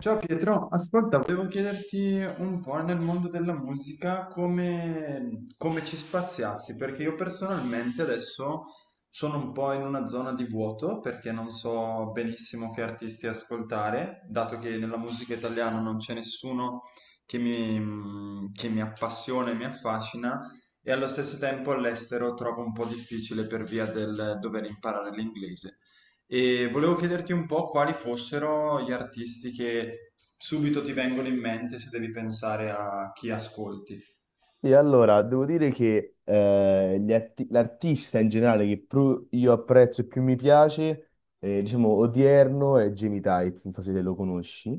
Ciao Pietro, ascolta, volevo chiederti un po' nel mondo della musica come ci spaziassi, perché io personalmente adesso sono un po' in una zona di vuoto perché non so benissimo che artisti ascoltare, dato che nella musica italiana non c'è nessuno che mi appassiona e mi affascina, e allo stesso tempo all'estero trovo un po' difficile per via del dover imparare l'inglese. E volevo chiederti un po' quali fossero gli artisti che subito ti vengono in mente se devi pensare a chi ascolti. E allora, devo dire che l'artista in generale che più io apprezzo e più mi piace, diciamo, odierno è Jamie Tights, non so se te lo conosci.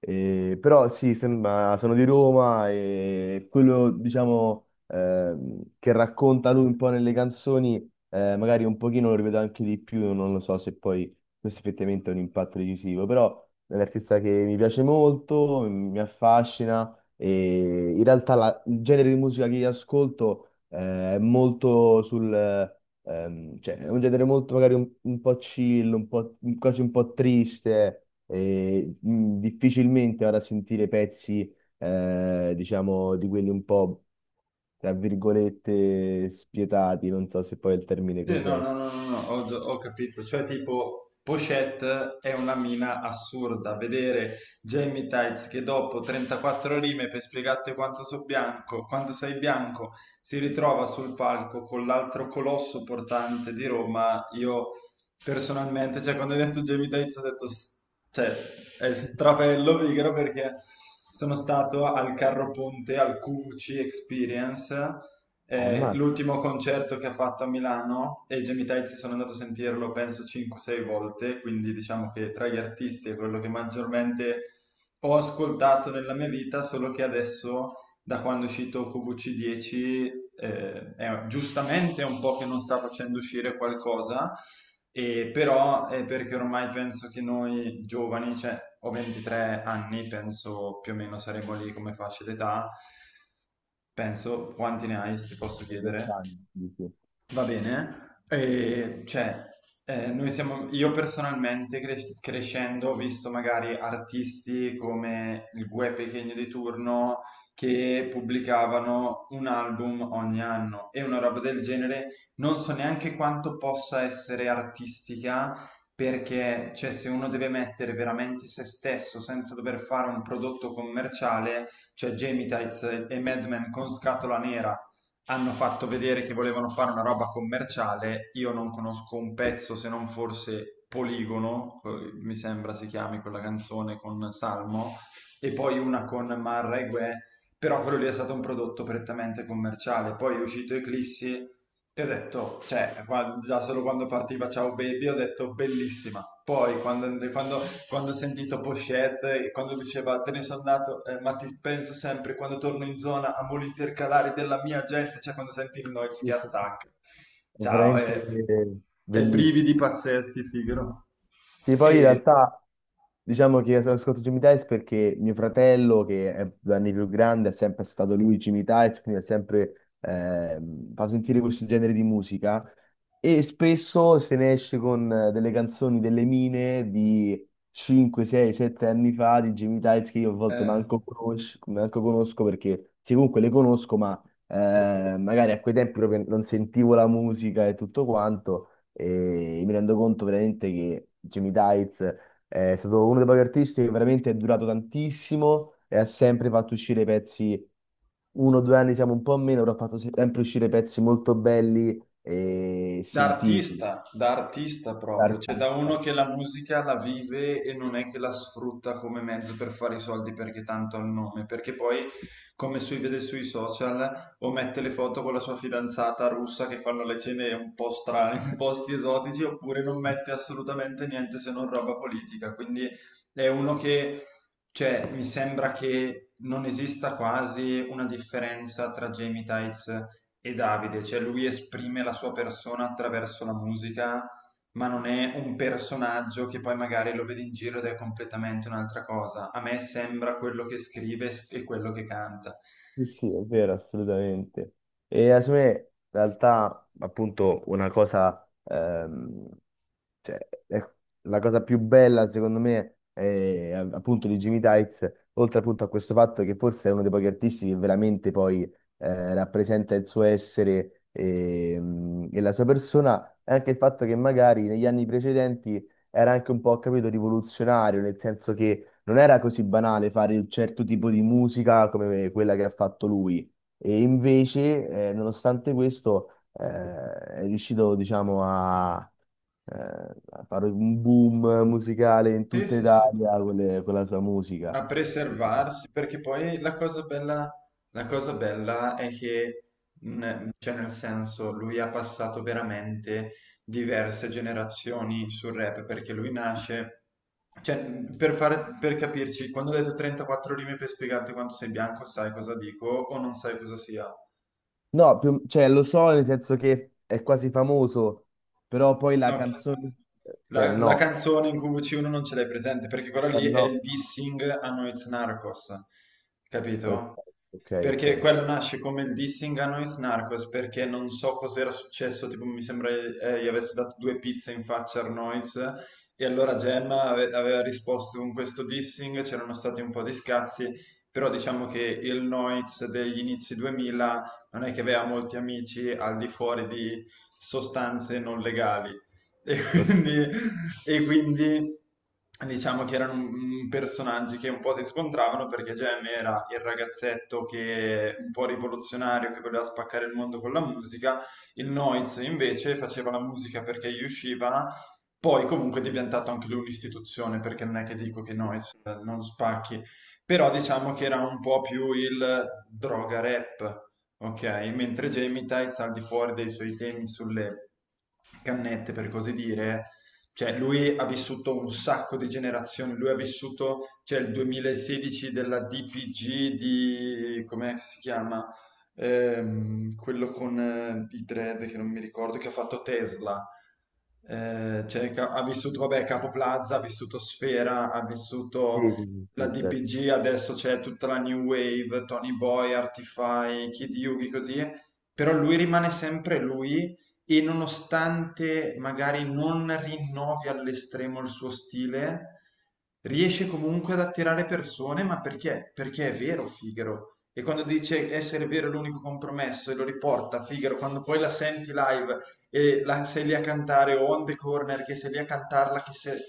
Però sì, sono di Roma e quello, diciamo, che racconta lui un po' nelle canzoni, magari un pochino lo rivedo anche di più, non lo so se poi questo effettivamente ha un impatto decisivo, però è un artista che mi piace molto, mi affascina e in realtà il genere di musica che io ascolto, è molto sul... cioè, è un genere molto magari un po' chill, un po', quasi un po' triste e, difficilmente ora sentire pezzi, diciamo, di quelli un po', tra virgolette, spietati, non so se poi è il termine Sì, no, corretto. no, no, no, no, ho, ho capito. Cioè, tipo, Pochette è una mina assurda. Vedere Jamie Tights che dopo 34 rime per spiegarti quanto so bianco, quanto sei bianco, si ritrova sul palco con l'altro colosso portante di Roma. Io personalmente, cioè, quando hai detto Jamie Tights, ho detto, cioè, è strafello pigro perché sono stato al Carro Ponte, al QVC Experience Ammazza, l'ultimo concerto che ha fatto a Milano e i Jamie Tights sono andato a sentirlo penso 5-6 volte, quindi diciamo che tra gli artisti è quello che maggiormente ho ascoltato nella mia vita, solo che adesso da quando è uscito QVC10 è giustamente un po' che non sta facendo uscire qualcosa, e però è perché ormai penso che noi giovani, cioè ho 23 anni, penso più o meno saremo lì come fascia d'età. Penso, quanti ne hai, se ti posso chiedere? 20 anni, sì, sì. Va bene, cioè, noi siamo, io personalmente crescendo ho visto magari artisti come il Guè Pequeno di turno che pubblicavano un album ogni anno e una roba del genere, non so neanche quanto possa essere artistica perché, cioè, se uno deve mettere veramente se stesso senza dover fare un prodotto commerciale, cioè Jamie Tights e Madman con Scatola Nera hanno fatto vedere che volevano fare una roba commerciale. Io non conosco un pezzo se non forse Poligono, mi sembra si chiami quella canzone con Salmo, e poi una con Marra e Guè. Però quello lì è stato un prodotto prettamente commerciale. Poi è uscito Eclissi e ho detto, cioè, guarda, già solo quando partiva Ciao Baby ho detto bellissima. Poi quando ho sentito Pochette, e quando diceva te ne sono andato, ma ti penso sempre quando torno in zona, amo l'intercalare della mia gente, cioè quando senti il noise che attacca. È Ciao, veramente e bellissimo. brividi pazzeschi, figaro. Sì, poi in E, realtà diciamo che ascolto Jimmy Tice perché mio fratello, che è 2 anni più grande, è sempre stato lui Jimmy Tice, quindi è sempre fa sentire questo genere di musica e spesso se ne esce con delle canzoni delle mine di 5, 6, 7 anni fa di Jimmy Tice che io a volte eh, manco conosco perché sì, comunque le conosco, ma magari a quei tempi proprio non sentivo la musica e tutto quanto e mi rendo conto veramente che Jimmy Tights è stato uno dei pochi artisti che veramente è durato tantissimo e ha sempre fatto uscire pezzi 1 o 2 anni siamo un po' meno, però ha fatto sempre uscire pezzi molto belli e sentiti da artista da proprio, cioè da artista. uno che la musica la vive e non è che la sfrutta come mezzo per fare i soldi perché tanto ha il nome, perché poi, come si vede sui social, o mette le foto con la sua fidanzata russa che fanno le cene un po' strane, in posti esotici, oppure non mette assolutamente niente se non roba politica. Quindi è uno che, cioè, mi sembra che non esista quasi una differenza tra Jamie Tights e Davide, cioè lui esprime la sua persona attraverso la musica, ma non è un personaggio che poi magari lo vede in giro ed è completamente un'altra cosa. A me sembra quello che scrive e quello che canta. Sì, sì, è vero, assolutamente. E secondo me, in realtà, appunto, una cosa cioè, ecco, la cosa più bella, secondo me, è appunto di Jimmy Tykes, oltre appunto a questo fatto che forse è uno dei pochi artisti che veramente poi rappresenta il suo essere e la sua persona, è anche il fatto che magari negli anni precedenti era anche un po', capito, rivoluzionario, nel senso che non era così banale fare un certo tipo di musica come quella che ha fatto lui. E invece, nonostante questo, è riuscito, diciamo, a eh, fare un boom musicale in Sì, tutta sì, sì, Italia con, con la sua musica. a preservarsi, perché poi la cosa bella è che, cioè nel senso, lui ha passato veramente diverse generazioni sul rap, perché lui nasce, cioè, per fare, per capirci, quando ho detto 34 rime per spiegarti quanto sei bianco, sai cosa dico o non sai cosa sia. No, cioè, lo so nel senso che è quasi famoso, però poi la Ok. canzone... Cioè, La no, canzone in cui C1 non ce l'hai presente, perché quella eh lì è il no. dissing a Noiz Narcos, Ok, capito? ok, ok. Perché quello nasce come il dissing a Nois Narcos, perché non so cos'era successo, tipo mi sembra gli avesse dato due pizze in faccia a Arnoiz e allora Gemma aveva risposto con questo dissing, c'erano stati un po' di scazzi, però diciamo che il Noiz degli inizi 2000 non è che aveva molti amici al di fuori di sostanze non legali. E Ok. quindi, e quindi diciamo che erano un personaggi che un po' si scontravano perché Gem era il ragazzetto che un po' rivoluzionario che voleva spaccare il mondo con la musica, il Noise invece faceva la musica perché gli usciva. Poi comunque è diventato anche lui un'istituzione, perché non è che dico che Noise non spacchi, però diciamo che era un po' più il droga rap. Ok, mentre Gemitites al di fuori dei suoi temi sulle cannette, per così dire, cioè lui ha vissuto un sacco di generazioni, lui ha vissuto, cioè il 2016 della DPG di, come si chiama? Quello con i dread che non mi ricordo, che ha fatto Tesla. Cioè, ha vissuto, vabbè, Capo Plaza, ha vissuto Sfera, ha Sì, vissuto sì, sì, la sì, certo. DPG, adesso c'è tutta la New Wave, Tony Boy, Artify, Kid Yugi, così, però lui rimane sempre lui e nonostante magari non rinnovi all'estremo il suo stile, riesce comunque ad attirare persone, ma perché? Perché è vero Figaro. E quando dice essere vero è l'unico compromesso e lo riporta Figaro, quando poi la senti live e la, sei lì a cantare o On The Corner che sei lì a cantarla che se-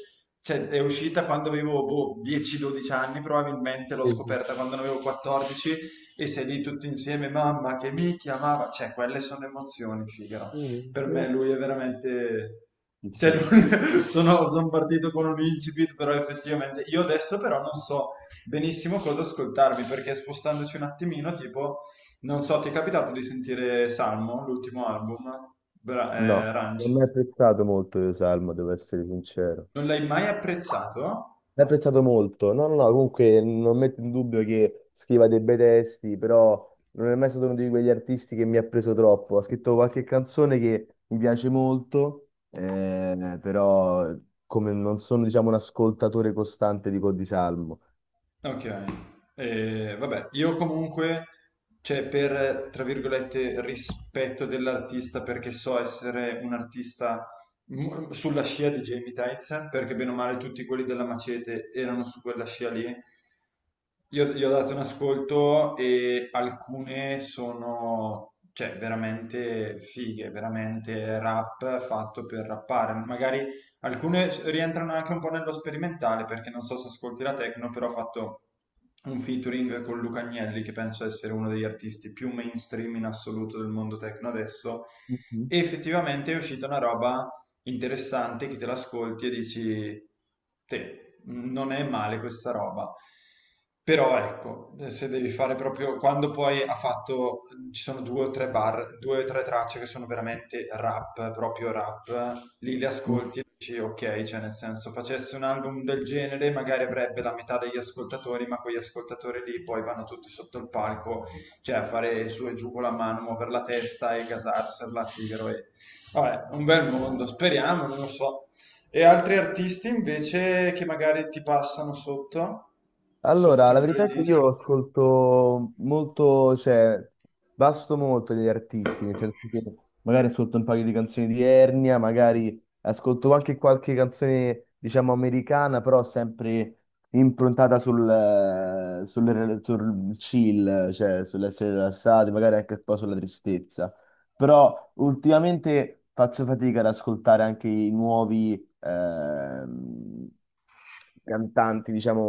cioè, è uscita quando avevo boh, 10-12 anni, probabilmente l'ho Sì, sì, scoperta quando ne avevo 14 e sei lì tutti insieme, mamma che mi chiamava, cioè quelle sono emozioni, figaro. sì, Per me sì. lui è veramente... Sì, sì. Cioè, lui- sono partito con un incipit, però effettivamente io adesso però non so benissimo cosa ascoltarmi, perché spostandoci un attimino, tipo, non so, ti è capitato di sentire Salmo, l'ultimo album, No, Ranch? non mi è apprezzato molto io Salmo, devo essere sincero. Non l'hai mai apprezzato? L'ho apprezzato molto. No, no, no, comunque non metto in dubbio che scriva dei bei testi, però non è mai stato uno di quegli artisti che mi ha preso troppo. Ha scritto qualche canzone che mi piace molto, però come non sono, diciamo, un ascoltatore costante di Codi Salmo. Ok, vabbè, io comunque, cioè per, tra virgolette, rispetto dell'artista, perché so essere un artista sulla scia di Jamie Tyson, perché bene o male tutti quelli della Macete erano su quella scia lì, io gli ho dato un ascolto e alcune sono, cioè, veramente fighe, veramente rap fatto per rappare, magari alcune rientrano anche un po' nello sperimentale, perché non so se ascolti la techno, però ho fatto un featuring con Luca Agnelli, che penso essere uno degli artisti più mainstream in assoluto del mondo techno adesso, e effettivamente è uscita una roba interessante che te l'ascolti e dici, te, non è male questa roba. Però ecco, se devi fare proprio quando poi ha fatto, ci sono due o tre bar, due o tre tracce che sono veramente rap, proprio rap, lì le Mhm. ascolti dici, ok, cioè nel senso facesse un album del genere, magari avrebbe la metà degli ascoltatori, ma quegli ascoltatori lì poi vanno tutti sotto il palco, cioè a fare su e giù con la mano, muovere la testa e gasarsela a tiro. E... vabbè, un bel mondo, speriamo, non lo so. E altri artisti invece che magari ti passano sotto, sotto Allora, la in verità è che playlist? io ascolto molto, cioè, vasto molto degli artisti, nel senso che magari ascolto un paio di canzoni di Ernia, magari ascolto anche qualche canzone, diciamo, americana, però sempre improntata sul chill, cioè sull'essere rilassati, magari anche un po' sulla tristezza. Però ultimamente faccio fatica ad ascoltare anche i nuovi... cantanti, diciamo,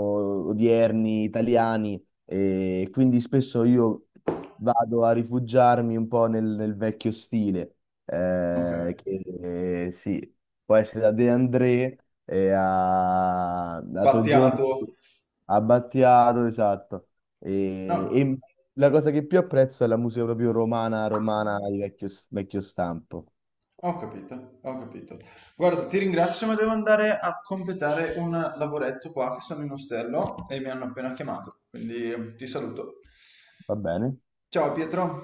odierni, italiani, e quindi spesso io vado a rifugiarmi un po' nel vecchio stile, Ok, che sì, può essere da De André e a... l'altro giorno Battiato. a Battiato, esatto. E, No. e la cosa che più apprezzo è la musica proprio romana, romana di vecchio, vecchio stampo. Ho capito, ho capito. Guarda, ti ringrazio, ma devo andare a completare un lavoretto qua che sono in ostello e mi hanno appena chiamato, quindi ti saluto. Va bene? Ciao Pietro.